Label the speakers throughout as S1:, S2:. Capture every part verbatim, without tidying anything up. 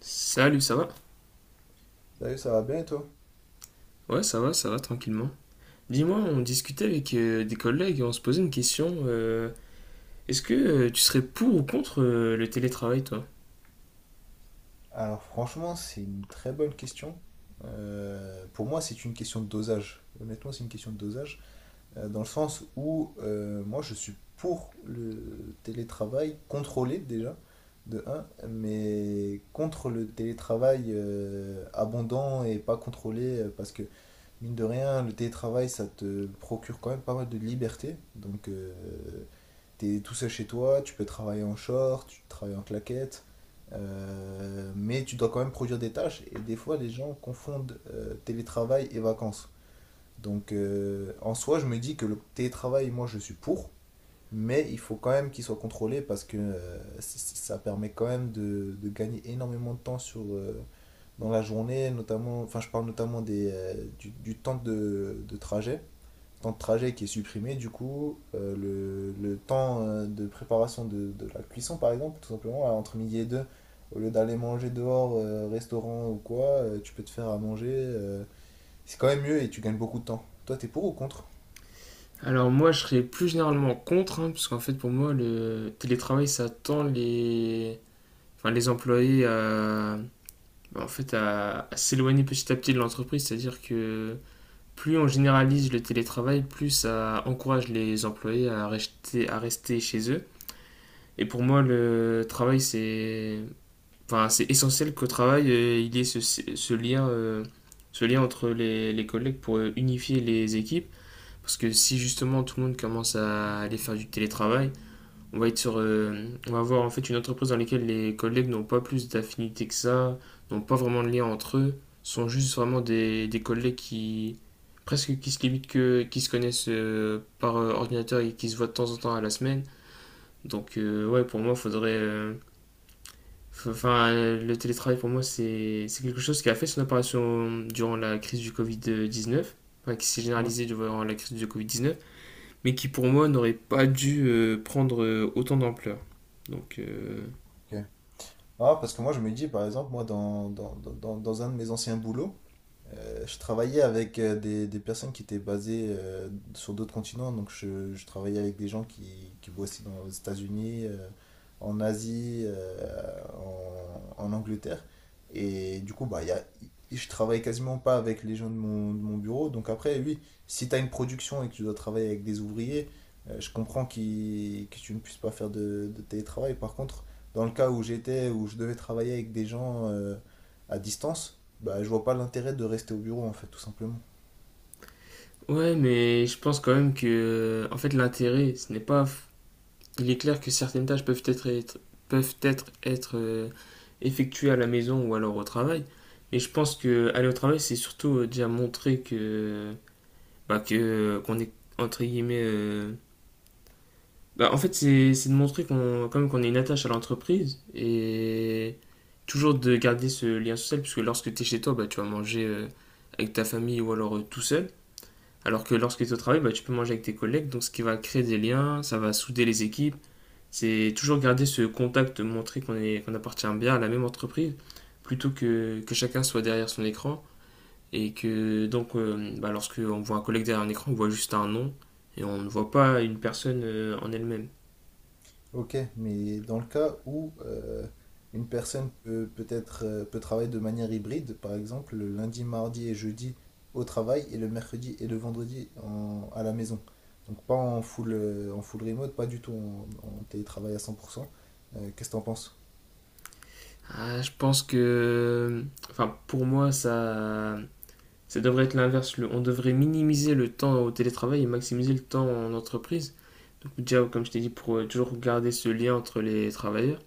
S1: Salut, ça va?
S2: Salut, ça va bien et toi?
S1: Ouais, ça va, ça va, tranquillement. Dis-moi, on discutait avec euh, des collègues et on se posait une question. Euh, est-ce que euh, tu serais pour ou contre euh, le télétravail, toi?
S2: Alors franchement, c'est une très bonne question. Euh, pour moi, c'est une question de dosage. Honnêtement, c'est une question de dosage. Euh, dans le sens où euh, moi, je suis pour le télétravail contrôlé déjà, de un, mais contre le télétravail euh, abondant et pas contrôlé, euh, parce que mine de rien, le télétravail, ça te procure quand même pas mal de liberté. Donc, euh, T'es tout seul chez toi, tu peux travailler en short, tu travailles en claquette, euh, mais tu dois quand même produire des tâches. Et des fois, les gens confondent euh, télétravail et vacances. Donc, euh, en soi, je me dis que le télétravail, moi, je suis pour, mais il faut quand même qu'il soit contrôlé parce que euh, c- c- ça permet quand même de, de gagner énormément de temps sur, euh, dans la journée, notamment, enfin, je parle notamment des, euh, du, du temps de, de trajet, ce temps de trajet qui est supprimé, du coup, euh, le, le temps euh, de préparation de, de la cuisson, par exemple, tout simplement, euh, entre midi et deux, au lieu d'aller manger dehors, euh, restaurant ou quoi, euh, tu peux te faire à manger. Euh, c'est quand même mieux et tu gagnes beaucoup de temps. Toi, t'es pour ou contre?
S1: Alors moi, je serais plus généralement contre, hein, parce qu'en fait, pour moi, le télétravail, ça tend les, enfin, les employés à, bah, en fait, à, à s'éloigner petit à petit de l'entreprise. C'est-à-dire que plus on généralise le télétravail, plus ça encourage les employés à rester, à rester chez eux. Et pour moi, le travail, c'est Enfin, c'est essentiel qu'au travail, euh, il y ait ce, ce lien, euh, ce lien entre les, les collègues pour euh, unifier les équipes. Parce que si justement tout le monde commence à aller faire du télétravail, on va être sur, euh, on va avoir en fait une entreprise dans laquelle les collègues n'ont pas plus d'affinité que ça, n'ont pas vraiment de lien entre eux, sont juste vraiment des, des collègues qui presque qui se limitent que, qui se connaissent euh, par euh, ordinateur et qui se voient de temps en temps à la semaine. Donc euh, ouais, pour moi, faudrait euh, Enfin, le télétravail pour moi, c'est c'est quelque chose qui a fait son apparition durant la crise du covid dix-neuf, enfin, qui s'est
S2: Mm.
S1: généralisée durant la crise du covid dix-neuf, mais qui pour moi n'aurait pas dû euh, prendre euh, autant d'ampleur. Donc, euh,
S2: Ok. Ah, parce que moi, je me dis, par exemple, moi, dans, dans, dans, dans- dans un de mes anciens boulots, euh, je travaillais avec euh, des, des personnes qui étaient basées euh, sur d'autres continents. Donc, je, je travaillais avec des gens qui, qui bossaient dans, aux États-Unis, euh, en Asie, euh, en, en Angleterre. Et du coup, bah, il y a, je travaille quasiment pas avec les gens de mon, de mon bureau. Donc, après, oui, si tu as une production et que tu dois travailler avec des ouvriers, euh, je comprends qu'ils- que tu ne puisses pas faire de de télétravail. Par contre, dans le cas où j'étais, où je devais travailler avec des gens euh, à distance, bah, je vois pas l'intérêt de rester au bureau, en fait, tout simplement.
S1: ouais, mais je pense quand même que, euh, en fait, l'intérêt, ce n'est pas. Il est clair que certaines tâches peuvent être, être- peuvent être, être euh, effectuées à la maison ou alors au travail, mais je pense que aller au travail, c'est surtout euh, déjà montrer que bah, que euh, qu'on est entre guillemets, euh, bah, en fait c'est c'est de montrer qu'on quand même qu'on est une attache à l'entreprise et toujours de garder ce lien social puisque lorsque tu es chez toi, bah, tu vas manger euh, avec ta famille ou alors euh, tout seul, alors que lorsque tu es au travail, bah, tu peux manger avec tes collègues, donc ce qui va créer des liens, ça va souder les équipes, c'est toujours garder ce contact, montrer qu'on est, qu'on appartient bien à la même entreprise, plutôt que que chacun soit derrière son écran. Et que donc, euh, bah, lorsqu'on voit un collègue derrière un écran, on voit juste un nom et on ne voit pas une personne euh, en elle-même.
S2: Ok, mais dans le cas où euh, une personne peut peut-être euh, peut travailler de manière hybride, par exemple le lundi, mardi et jeudi au travail et le mercredi et le vendredi en- à la maison. Donc pas en full, euh, en full remote, pas du tout en, en télétravail à cent pour cent. Euh, qu'est-ce que t'en penses?
S1: Ah, je pense que, enfin, pour moi, ça, ça devrait être l'inverse. Le- On devrait minimiser le temps au télétravail et maximiser le temps en entreprise. Donc déjà, comme je t'ai dit, pour euh, toujours garder ce lien entre les travailleurs.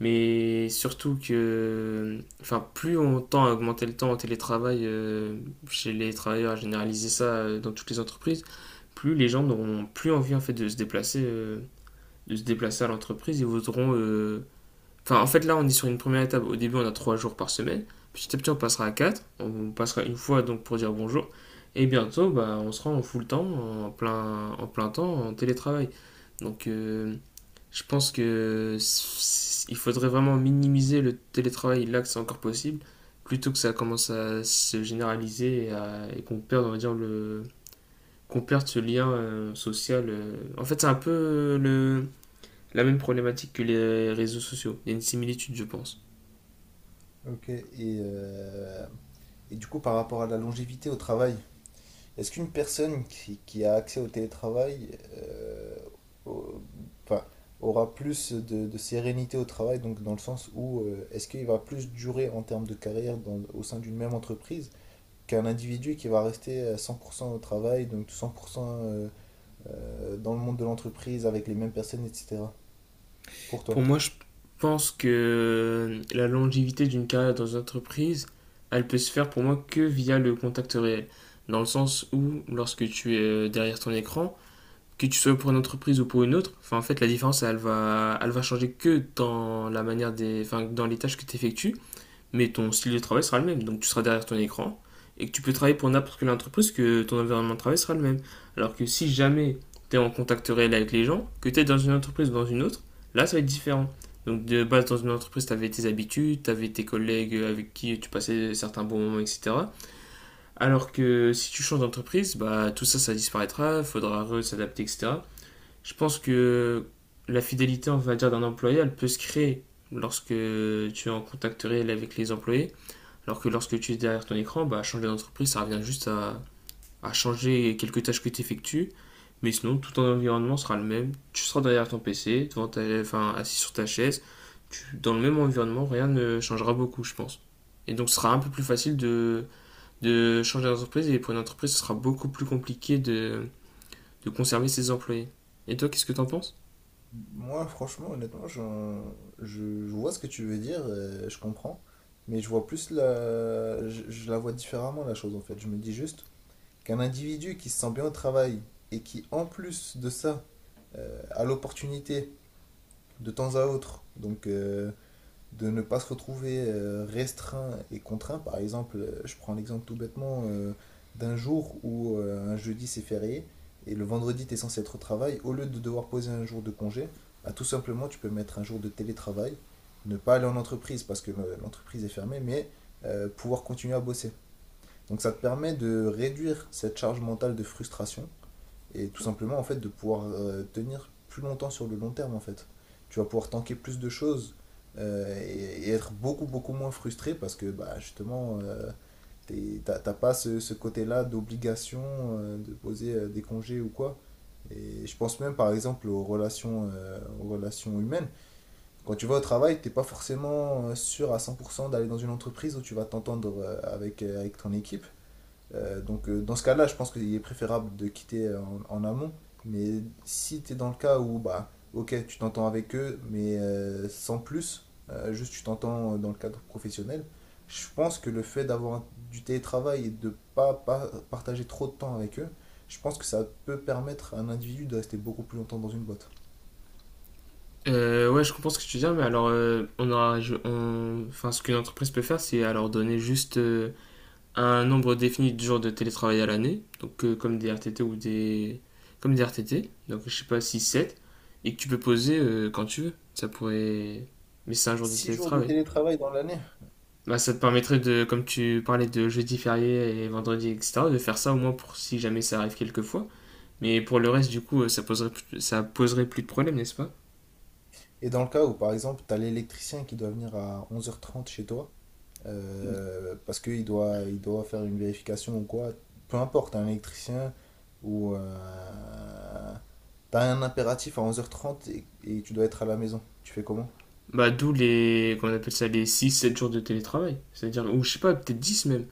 S1: Mais surtout que, enfin, plus on tend à augmenter le temps au télétravail euh, chez les travailleurs, à généraliser ça euh, dans toutes les entreprises, plus les gens n'auront plus envie en fait de se déplacer, euh, de se déplacer à l'entreprise. Ils voudront. Euh, Enfin, en fait, Là, on est sur une première étape. Au début, on a trois jours par semaine. Petit à petit, on passera à quatre. On passera une fois donc pour dire bonjour. Et bientôt, bah, on sera en full temps, en plein, en plein temps, en télétravail. Donc, euh, je pense que il faudrait vraiment minimiser le télétravail là que c'est encore possible, plutôt que ça commence à se généraliser et, à- et qu'on perde, on va dire, le, qu'on perde ce lien euh, social. euh. En fait, c'est un peu euh, le, la même problématique que les réseaux sociaux. Il y a une similitude, je pense.
S2: Ok, et, euh, et du coup par rapport à la longévité au travail, est-ce qu'une personne qui, qui a accès au télétravail euh, au- enfin, aura plus de, de sérénité au travail, donc dans le sens où euh, est-ce qu'il va plus durer en termes de carrière dans- au sein d'une même entreprise qu'un individu qui va rester à cent pour cent au travail, donc cent pour cent euh, euh, dans le monde de l'entreprise avec les mêmes personnes, et cetera. Pour toi?
S1: Pour moi, je pense que euh, la longévité d'une carrière dans une entreprise, elle peut se faire pour moi que via le contact réel. Dans le sens où, lorsque tu es euh, derrière ton écran, que tu sois pour une entreprise ou pour une autre, enfin, en fait, la différence, elle va, elle va changer que dans la manière des, enfin, dans les tâches que tu effectues, mais ton style de travail sera le même. Donc tu seras derrière ton écran et que tu peux travailler pour n'importe quelle entreprise, que ton environnement de travail sera le même. Alors que si jamais tu es en contact réel avec les gens, que tu es dans une entreprise ou dans une autre, là ça va être différent. Donc de base dans une entreprise, tu avais tes habitudes, tu avais tes collègues avec qui tu passais certains bons moments, et cetera. Alors que si tu changes d'entreprise, bah, tout ça, ça disparaîtra, il faudra s'adapter, et cetera. Je pense que la fidélité, on va dire, d'un employé, elle peut se créer lorsque tu es en contact réel avec les employés. Alors que lorsque tu es derrière ton écran, bah, changer d'entreprise, ça revient juste à, à changer quelques tâches que tu effectues. Mais sinon, tout ton environnement sera le même. Tu seras derrière ton P C, devant ta, enfin, assis sur ta chaise. Tu- dans le même environnement, rien ne changera beaucoup, je pense. Et donc, ce sera un peu plus facile de, de changer d'entreprise. Et pour une entreprise, ce sera beaucoup plus compliqué de, de conserver ses employés. Et toi, qu'est-ce que t'en penses?
S2: Moi, franchement, honnêtement, j'en- je, je vois ce que tu veux dire, euh, je comprends, mais je vois plus la, je, je la vois différemment la chose en fait. Je me dis juste qu'un individu qui se sent bien au travail et qui, en plus de ça, euh, a l'opportunité de temps à autre, donc euh, de ne pas se retrouver euh, restreint et contraint. Par exemple, euh, je prends l'exemple tout bêtement euh, d'un jour où euh, un jeudi c'est férié et le vendredi tu es censé être au travail. Au lieu de devoir poser un jour de congé, bah, tout simplement tu peux mettre un jour de télétravail, ne pas aller en entreprise parce que euh, l'entreprise est fermée, mais euh, pouvoir continuer à bosser. Donc ça te permet de réduire cette charge mentale de frustration et tout simplement en fait de pouvoir euh, tenir plus longtemps sur le long terme en fait. Tu vas pouvoir tanker plus de choses euh, et, et, être beaucoup beaucoup moins frustré parce que bah justement euh, t'es- t'as t'as pas ce, ce côté-là d'obligation euh, de poser euh, des congés ou quoi. Et je pense même par exemple aux relations, euh, aux relations humaines. Quand tu vas au travail, t'es pas forcément euh, sûr à cent pour cent d'aller dans une entreprise où tu vas t'entendre euh, avec, euh, avec ton équipe. Euh, donc euh, dans ce cas-là, je pense qu'il est préférable de quitter en, en amont. Mais si tu es dans le cas où, bah, ok, tu t'entends avec eux, mais euh, sans plus, euh, juste tu t'entends dans le cadre professionnel, je pense que le fait d'avoir un- du télétravail et de pas, pas partager trop de temps avec eux, je pense que ça peut permettre à un individu de rester beaucoup plus longtemps dans une boîte.
S1: Euh, ouais, je comprends ce que tu dis, mais alors, euh, on aura, je- on- enfin, ce qu'une entreprise peut faire, c'est alors donner juste euh, un nombre défini de jours de télétravail à l'année, donc euh, comme des R T T ou des comme des R T T, donc je sais pas six sept, et que tu peux poser euh, quand tu veux. Ça pourrait Mais c'est un jour de
S2: Six jours de
S1: télétravail.
S2: télétravail dans l'année.
S1: Bah, ça te permettrait, de comme tu parlais de jeudi férié et vendredi etc, de faire ça au moins pour si jamais ça arrive quelquefois. Mais pour le reste du coup euh, ça poserait, ça poserait plus de problème, n'est-ce pas?
S2: Et dans le cas où, par exemple, tu as l'électricien qui doit venir à onze heures trente chez toi, euh, parce qu'il doit, il doit faire une vérification ou quoi. Peu importe, un électricien ou. Euh, t'as un impératif à onze heures trente et, et tu dois être à la maison. Tu fais comment?
S1: Bah d'où les qu'on appelle ça les six sept jours de télétravail, c'est-à-dire, ou je sais pas, peut-être dix même.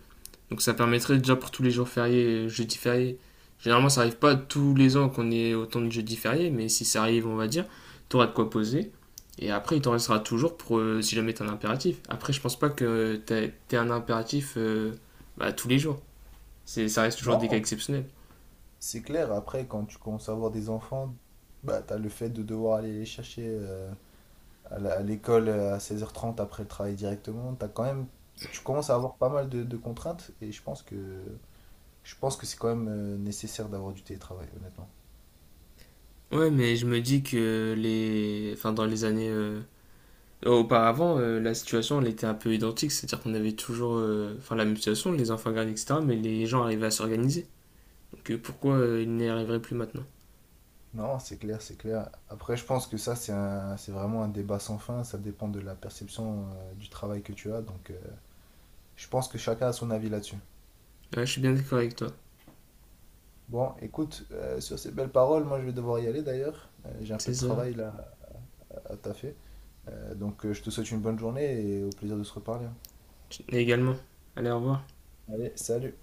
S1: Donc ça permettrait déjà pour tous les jours fériés, jeudi férié. Généralement, ça arrive pas tous les ans qu'on ait autant de jeudi fériés, mais si ça arrive, on va dire, tu auras de quoi poser. Et après, il t'en restera toujours pour euh, si jamais t'as un impératif. Après, je pense pas que t'aies t'aies un impératif euh, bah, tous les jours. C'est, ça reste toujours des cas
S2: Non,
S1: exceptionnels.
S2: c'est clair. Après, quand tu commences à avoir des enfants, bah, t'as le fait de devoir aller les chercher euh, à la- à l'école à seize heures trente après le travail directement. T'as quand même, tu commences à avoir pas mal de, de contraintes et je pense que, je pense que c'est quand même euh, nécessaire d'avoir du télétravail, honnêtement.
S1: Ouais, mais je me dis que les, enfin, dans les années euh, auparavant, euh, la situation elle était un peu identique. C'est-à-dire qu'on avait toujours euh, enfin, la même situation, les enfants gardes, et cetera. Mais les gens arrivaient à s'organiser. Que pourquoi euh, il n'y arriverait plus maintenant.
S2: Non, c'est clair, c'est clair. Après, je pense que ça, c'est un- c'est vraiment un débat sans fin. Ça dépend de la perception euh, du travail que tu as. Donc, euh, je pense que chacun a son avis là-dessus.
S1: Ouais, je suis bien d'accord avec toi.
S2: Bon, écoute, euh, sur ces belles paroles, moi, je vais devoir y aller d'ailleurs. Euh, j'ai un peu
S1: C'est
S2: de
S1: ça.
S2: travail là à à taffer. Euh, donc, euh, je te souhaite une bonne journée et au plaisir de se reparler.
S1: Et également. Allez, au revoir.
S2: Allez, salut.